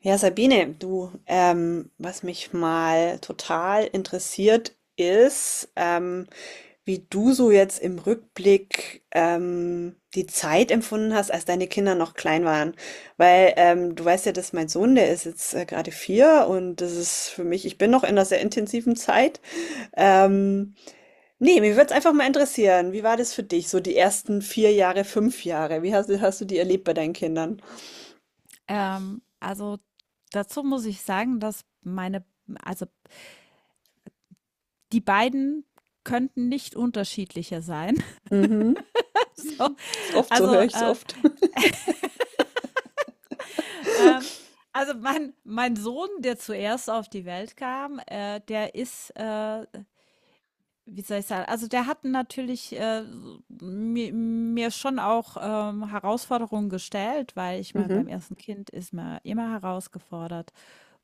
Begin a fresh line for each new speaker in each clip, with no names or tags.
Ja, Sabine, du, was mich mal total interessiert ist, wie du so jetzt im Rückblick die Zeit empfunden hast, als deine Kinder noch klein waren. Weil du weißt ja, dass mein Sohn, der ist jetzt gerade vier und das ist für mich, ich bin noch in einer sehr intensiven Zeit. Ähm, Nee, mir würde es einfach mal interessieren, wie war das für dich, so die ersten vier Jahre, fünf Jahre? Hast du die erlebt bei deinen Kindern?
Ähm, also, dazu muss ich sagen, dass meine also, die beiden könnten nicht unterschiedlicher sein.
Mhm.
So,
Ist oft, so höre
also,
ich es
äh,
oft.
ähm, also mein Sohn, der zuerst auf die Welt kam, der wie soll ich sagen? Der hat natürlich, so mir schon auch, Herausforderungen gestellt, weil ich meine,
Mhm.
beim ersten Kind ist man immer herausgefordert.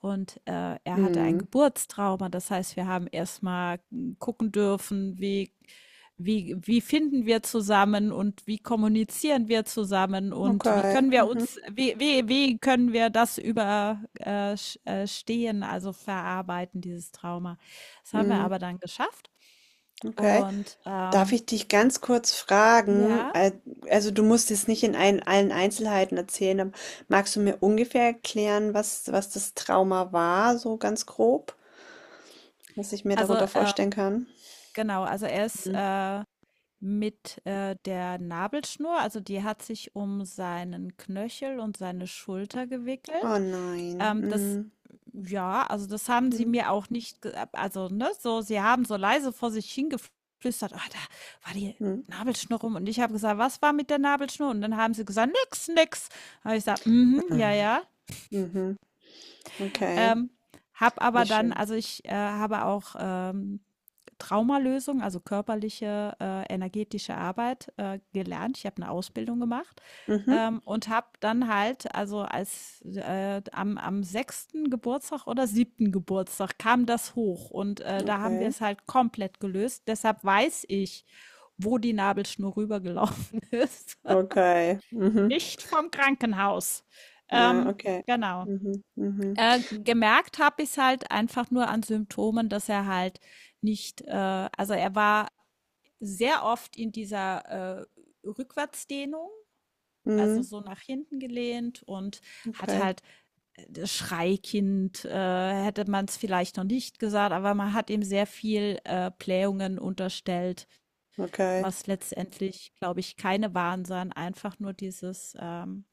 Und, er hatte ein
Mhm.
Geburtstrauma. Das heißt, wir haben erstmal gucken dürfen, wie finden wir zusammen und wie kommunizieren wir zusammen und wie
Okay.
können wir
Mhm.
uns wie wie wie können wir das überstehen, also verarbeiten, dieses Trauma. Das haben wir
Mhm.
aber dann geschafft.
Okay.
Und,
Darf
ähm,
ich dich ganz kurz fragen?
ja,
Also du musst es nicht in allen Einzelheiten erzählen, aber magst du mir ungefähr erklären, was das Trauma war, so ganz grob, was ich mir
also,
darunter
ähm,
vorstellen kann?
genau, also er ist,
Mhm.
mit, der Nabelschnur also die hat sich um seinen Knöchel und seine Schulter
Oh
gewickelt.
nein.
Das
Mhm.
ja, also das haben sie mir auch nicht ge also, ne, so sie haben so leise vor sich hingeflüstert: „Ah, da war die
Mhm.
Nabelschnur rum.“ Und ich habe gesagt: „Was war mit der Nabelschnur?“ Und dann haben sie gesagt: „Nix, nix.“ Habe ich gesagt: „Mhm, ja,
Mhm.
ja.“
Mhm. Okay.
Ähm, habe aber
Nicht
dann
schön.
habe auch, Traumalösung, also körperliche, energetische Arbeit, gelernt. Ich habe eine Ausbildung gemacht,
Mhm.
und habe dann halt am 6. Geburtstag oder siebten Geburtstag kam das hoch und, da haben wir
Okay.
es halt komplett gelöst. Deshalb weiß ich, wo die Nabelschnur rübergelaufen ist.
Okay. Mhm.
Nicht vom Krankenhaus.
Ja,
Ähm,
okay.
genau.
Mhm. Mhm.
Gemerkt habe ich es halt einfach nur an Symptomen, dass er halt nicht, also er war sehr oft in dieser Rückwärtsdehnung, also
Mhm.
so nach hinten gelehnt, und hat
Okay.
halt das Schreikind, hätte man es vielleicht noch nicht gesagt, aber man hat ihm sehr viel Blähungen unterstellt,
Okay.
was letztendlich, glaube ich, keine waren, sondern einfach nur dieses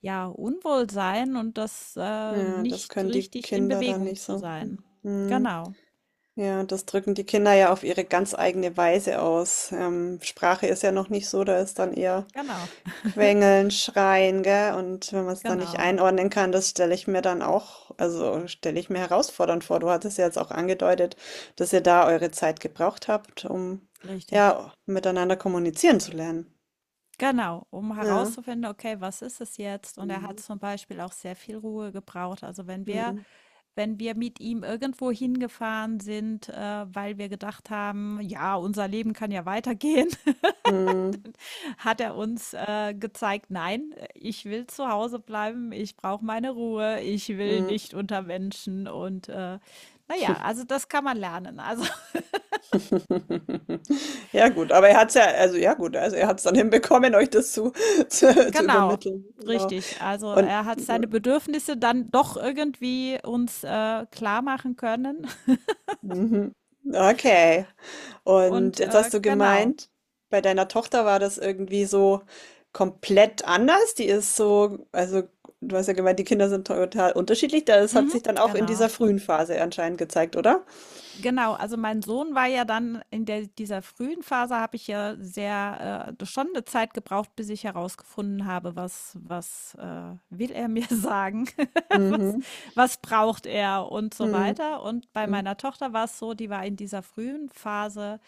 ja, Unwohlsein und das,
Ja, das
nicht
können die
richtig in
Kinder dann
Bewegung
nicht
zu
so.
sein.
Hm. Hm.
Genau,
Ja, das drücken die Kinder ja auf ihre ganz eigene Weise aus. Sprache ist ja noch nicht so, da ist dann eher
genau,
Quengeln, Schreien, gell? Und wenn man es dann nicht
genau,
einordnen kann, das stelle ich mir dann auch, also stelle ich mir herausfordernd vor. Du hattest ja jetzt auch angedeutet, dass ihr da eure Zeit gebraucht habt, um
richtig.
ja miteinander kommunizieren zu lernen.
Genau, um
Ja.
herauszufinden, okay, was ist es jetzt? Und er hat
Mhm.
zum Beispiel auch sehr viel Ruhe gebraucht.
Mhm.
Wenn wir mit ihm irgendwo hingefahren sind, weil wir gedacht haben, ja, unser Leben kann ja weitergehen.
Mhm.
Hat er uns gezeigt, nein, ich will zu Hause bleiben, ich brauche meine Ruhe, ich will
Mhm.
nicht unter Menschen, und naja, also das kann man lernen. Also
Ja gut, aber er hat's ja also ja gut, also er hat's dann hinbekommen, euch das zu zu
genau,
übermitteln, genau.
richtig. Also
Und
er hat seine Bedürfnisse dann doch irgendwie uns klar machen können.
mhm, okay. Und
und
jetzt
äh,
hast du
genau,
gemeint, bei deiner Tochter war das irgendwie so komplett anders. Die ist so also du hast ja gemeint, die Kinder sind total unterschiedlich. Das hat
mhm,
sich dann auch in
genau.
dieser frühen Phase anscheinend gezeigt, oder?
Genau, also mein Sohn war ja dann in der dieser frühen Phase habe ich ja sehr schon eine Zeit gebraucht, bis ich herausgefunden habe, was will er mir sagen? Was
Mhm.
braucht er und so
Mhm.
weiter. Und bei
Mhm.
meiner Tochter war es so, die war in dieser frühen Phase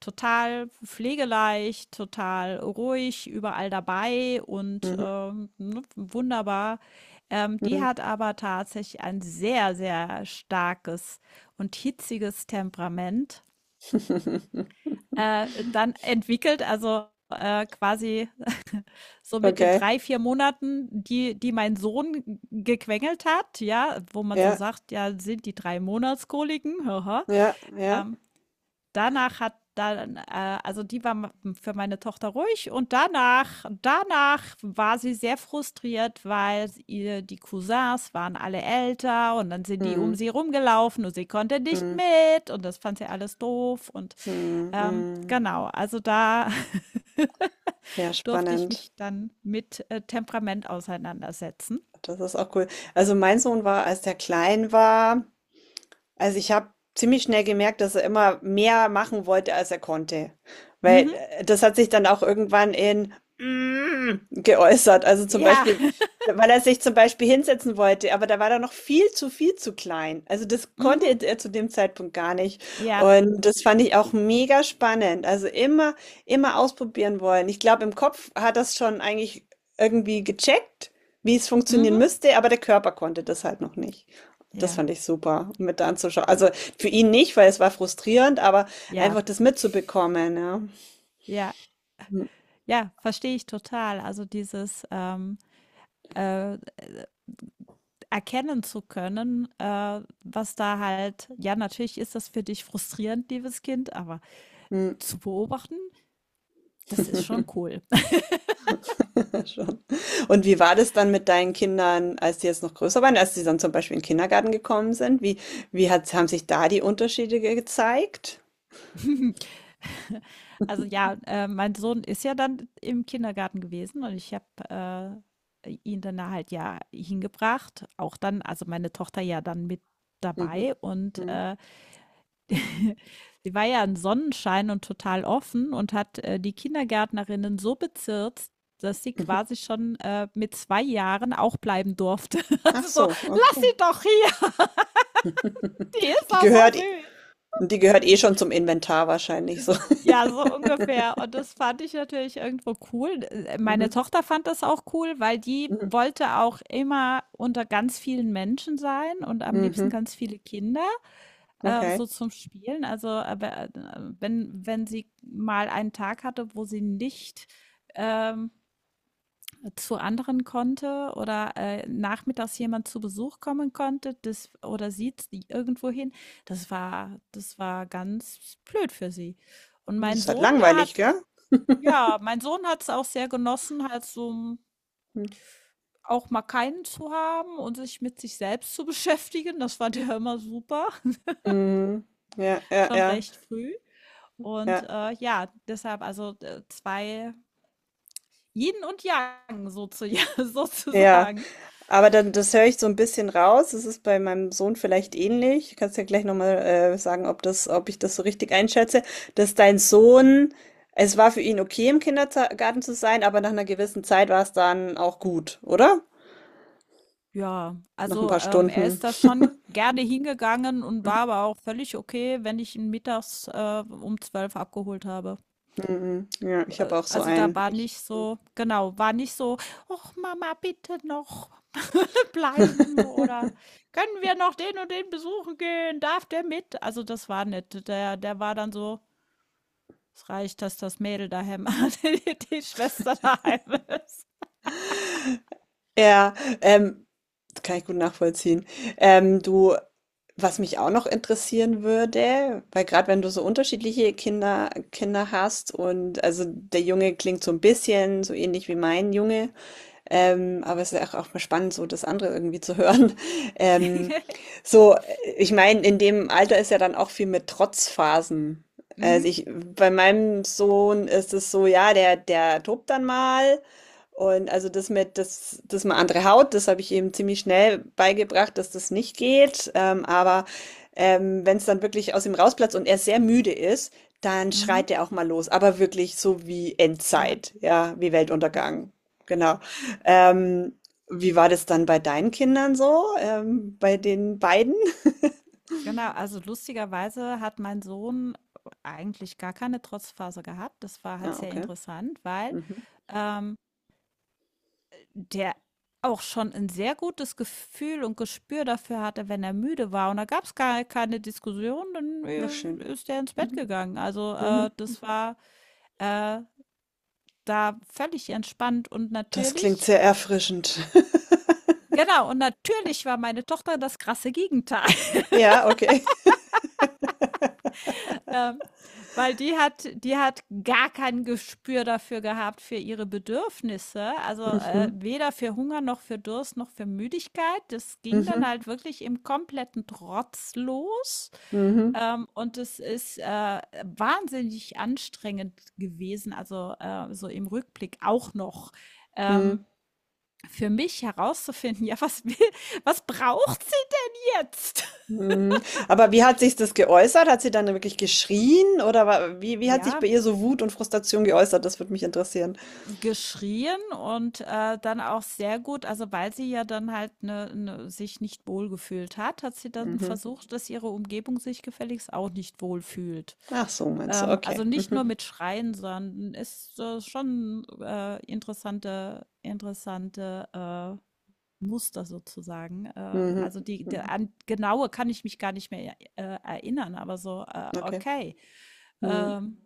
total pflegeleicht, total ruhig, überall dabei, und
Mhm.
ne, wunderbar. Die
Mhm.
hat aber tatsächlich ein sehr, sehr starkes und hitziges Temperament. Dann entwickelt, quasi, so mit den
Okay.
drei, vier Monaten, die mein Sohn gequengelt hat, ja, wo man so
Ja.
sagt, ja, sind die drei Monatskoliken, haha.
Ja. Ja.
ähm, Danach hat dann die war ma für meine Tochter ruhig, und danach war sie sehr frustriert, weil ihr die Cousins waren alle älter, und dann sind die um
Mhm,
sie rumgelaufen und sie konnte nicht
mhm,
mit, und das fand sie alles doof, und,
mhm, mhm.
genau, also da
Ja,
durfte ich
spannend.
mich dann mit, Temperament auseinandersetzen.
Das ist auch cool. Also mein Sohn war, als der klein war, Also, ich habe ziemlich schnell gemerkt, dass er immer mehr machen wollte, als er konnte. Weil,
Mhm.
das hat sich dann auch irgendwann in "Mm" geäußert. Also, zum
Ja.
Beispiel, weil er sich zum Beispiel hinsetzen wollte, aber da war er noch viel zu klein. Also, das konnte
Mhm.
er zu dem Zeitpunkt gar nicht.
Ja.
Und das fand ich auch mega spannend. Also, immer ausprobieren wollen. Ich glaube, im Kopf hat das schon eigentlich irgendwie gecheckt, wie es funktionieren
Mhm.
müsste, aber der Körper konnte das halt noch nicht. Das
Ja.
fand ich super um mit anzuschauen. Also für ihn nicht, weil es war frustrierend, aber
Ja.
einfach das mitzubekommen, ja.
Ja. Ja, verstehe ich total. Also dieses, äh, erkennen zu können, was da halt, ja, natürlich ist das für dich frustrierend, liebes Kind, aber
Hm.
zu beobachten, das ist schon cool.
Schon. Und wie war das dann mit deinen Kindern, als die jetzt noch größer waren, als sie dann zum Beispiel in den Kindergarten gekommen sind? Wie hat, haben sich da die Unterschiede gezeigt?
Mein Sohn ist ja dann im Kindergarten gewesen, und ich habe ihn dann da halt ja hingebracht, auch dann, also meine Tochter ja dann mit
Mhm.
dabei, und
Mhm.
sie war ja ein Sonnenschein und total offen und hat die Kindergärtnerinnen so bezirzt, dass sie
Mhm.
quasi schon mit zwei Jahren auch bleiben durfte.
Ach
Also so,
so,
lass
okay.
sie doch hier, die ist
Die
doch so
gehört, eh-
süß.
die gehört eh schon zum Inventar wahrscheinlich so.
So, ja, so ungefähr. Und das fand ich natürlich irgendwo cool. Meine
Mhm.
Tochter fand das auch cool, weil die
Mhm.
wollte auch immer unter ganz vielen Menschen sein und am liebsten
Mhm.
ganz viele Kinder.
Okay.
So zum Spielen? Wenn sie mal einen Tag hatte, wo sie nicht ähm, zu anderen konnte oder nachmittags jemand zu Besuch kommen konnte, das oder sie irgendwo hin, das war ganz blöd für sie. Und
Das
mein
ist halt
Sohn, der
langweilig,
hat,
gell?
ja, mein Sohn hat es auch sehr genossen, halt so auch mal keinen zu haben und sich mit sich selbst zu beschäftigen. Das fand er immer super,
Mhm. Ja, ja,
schon
ja,
recht früh. Und,
ja,
ja, deshalb 2 Yin und Yang sozu
ja.
sozusagen.
Aber dann, das höre ich so ein bisschen raus. Es ist bei meinem Sohn vielleicht ähnlich. Du kannst ja gleich nochmal sagen, ob ich das so richtig einschätze, dass dein Sohn, es war für ihn okay, im Kindergarten zu sein, aber nach einer gewissen Zeit war es dann auch gut, oder?
Ja,
Nach ein paar
er
Stunden.
ist da schon gerne hingegangen und war
Mhm.
aber auch völlig okay, wenn ich ihn mittags, um 12 abgeholt habe.
Mhm. Ja, ich habe auch so
Da
einen.
war
Ich.
nicht so genau, war nicht so: „Och, Mama, bitte noch bleiben“ oder „Können wir noch den und den besuchen gehen? Darf der mit?“ Also, das war nett. Der war dann so: Es reicht, dass das Mädel daheim, die Schwester daheim ist.
Ja, ähm, das kann ich gut nachvollziehen. Du, was mich auch noch interessieren würde, weil gerade wenn du so unterschiedliche Kinder hast und also der Junge klingt so ein bisschen so ähnlich wie mein Junge, aber es ist ja auch, auch mal spannend, so das andere irgendwie zu hören. Ähm, ich meine, in dem Alter ist ja dann auch viel mit Trotzphasen.
Mhm.
Also ich, bei meinem Sohn ist es so, ja, der tobt dann mal. Und also das mal andere Haut, das habe ich ihm ziemlich schnell beigebracht, dass das nicht geht. Aber wenn es dann wirklich aus ihm rausplatzt und er sehr müde ist, dann
Mhm.
schreit er auch mal los. Aber wirklich so wie
Ja,
Endzeit, ja, wie Weltuntergang. Genau. Ähm, wie war das dann bei deinen Kindern so, bei den beiden?
genau. Also lustigerweise hat mein Sohn eigentlich gar keine Trotzphase gehabt. Das war halt
Ah,
sehr
okay.
interessant, weil
Mhm.
ähm, der auch schon ein sehr gutes Gefühl und Gespür dafür hatte, wenn er müde war. Und da gab es gar keine Diskussion, dann
Na schön.
ist er ins Bett
Mhm.
gegangen.
Mhm.
Das war äh, da völlig entspannt und
Das klingt
natürlich.
sehr erfrischend.
Genau, und natürlich war meine Tochter das krasse Gegenteil,
Ja, okay.
ähm, weil die hat gar kein Gespür dafür gehabt, für ihre Bedürfnisse, also,
Mhm.
weder für Hunger noch für Durst noch für Müdigkeit. Das ging dann
Mhm.
halt wirklich im kompletten Trotz los,
Mhm.
und es ist, wahnsinnig anstrengend gewesen, also, so im Rückblick auch noch,
Mhm.
ähm, für mich herauszufinden: „Ja, was braucht sie denn jetzt?“
Mhm. Aber wie hat sich das geäußert? Hat sie dann wirklich geschrien oder wie hat sich
Ja,
bei ihr so Wut und Frustration geäußert? Das würde mich interessieren.
geschrien und, dann auch sehr gut, also, weil sie ja dann halt, sich nicht wohlgefühlt hat, hat sie dann
Mhm.
versucht, dass ihre Umgebung sich gefälligst auch nicht wohlfühlt.
Ach so, meinst du? Okay.
Also, nicht nur
Mhm.
mit Schreien, sondern ist, schon, interessante, Muster sozusagen.
Mhm.
Die der
Mhm.
an genaue kann ich mich gar nicht mehr, erinnern, aber so,
Okay.
okay.
Mhm.
Ähm,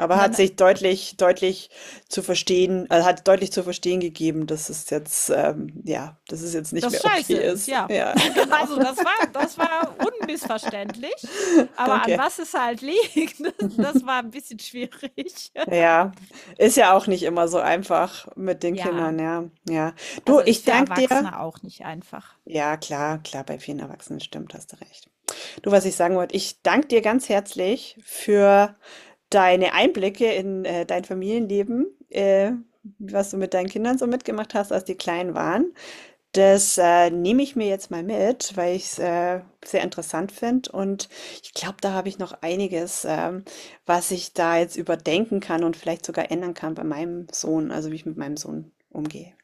Aber
und
hat
dann
sich deutlich zu verstehen also, hat deutlich zu verstehen gegeben, dass es jetzt, ja, dass es jetzt nicht
das
mehr okay
scheiße ist,
ist.
ja.
Ja, genau.
Das war unmissverständlich, aber an
Okay.
was es halt liegt, das war ein bisschen schwierig.
Ja, ist ja auch nicht immer so einfach mit den
Ja,
Kindern, ja, ja. Du,
also ist
ich
für
danke dir
Erwachsene auch nicht einfach.
ja, klar, bei vielen Erwachsenen, stimmt, hast du recht. Du, was ich sagen wollte, ich danke dir ganz herzlich für deine Einblicke in, dein Familienleben, was du mit deinen Kindern so mitgemacht hast, als die klein waren. Das, nehme ich mir jetzt mal mit, weil ich's, sehr interessant finde und ich glaube, da habe ich noch einiges, was ich da jetzt überdenken kann und vielleicht sogar ändern kann bei meinem Sohn, also wie ich mit meinem Sohn umgehe.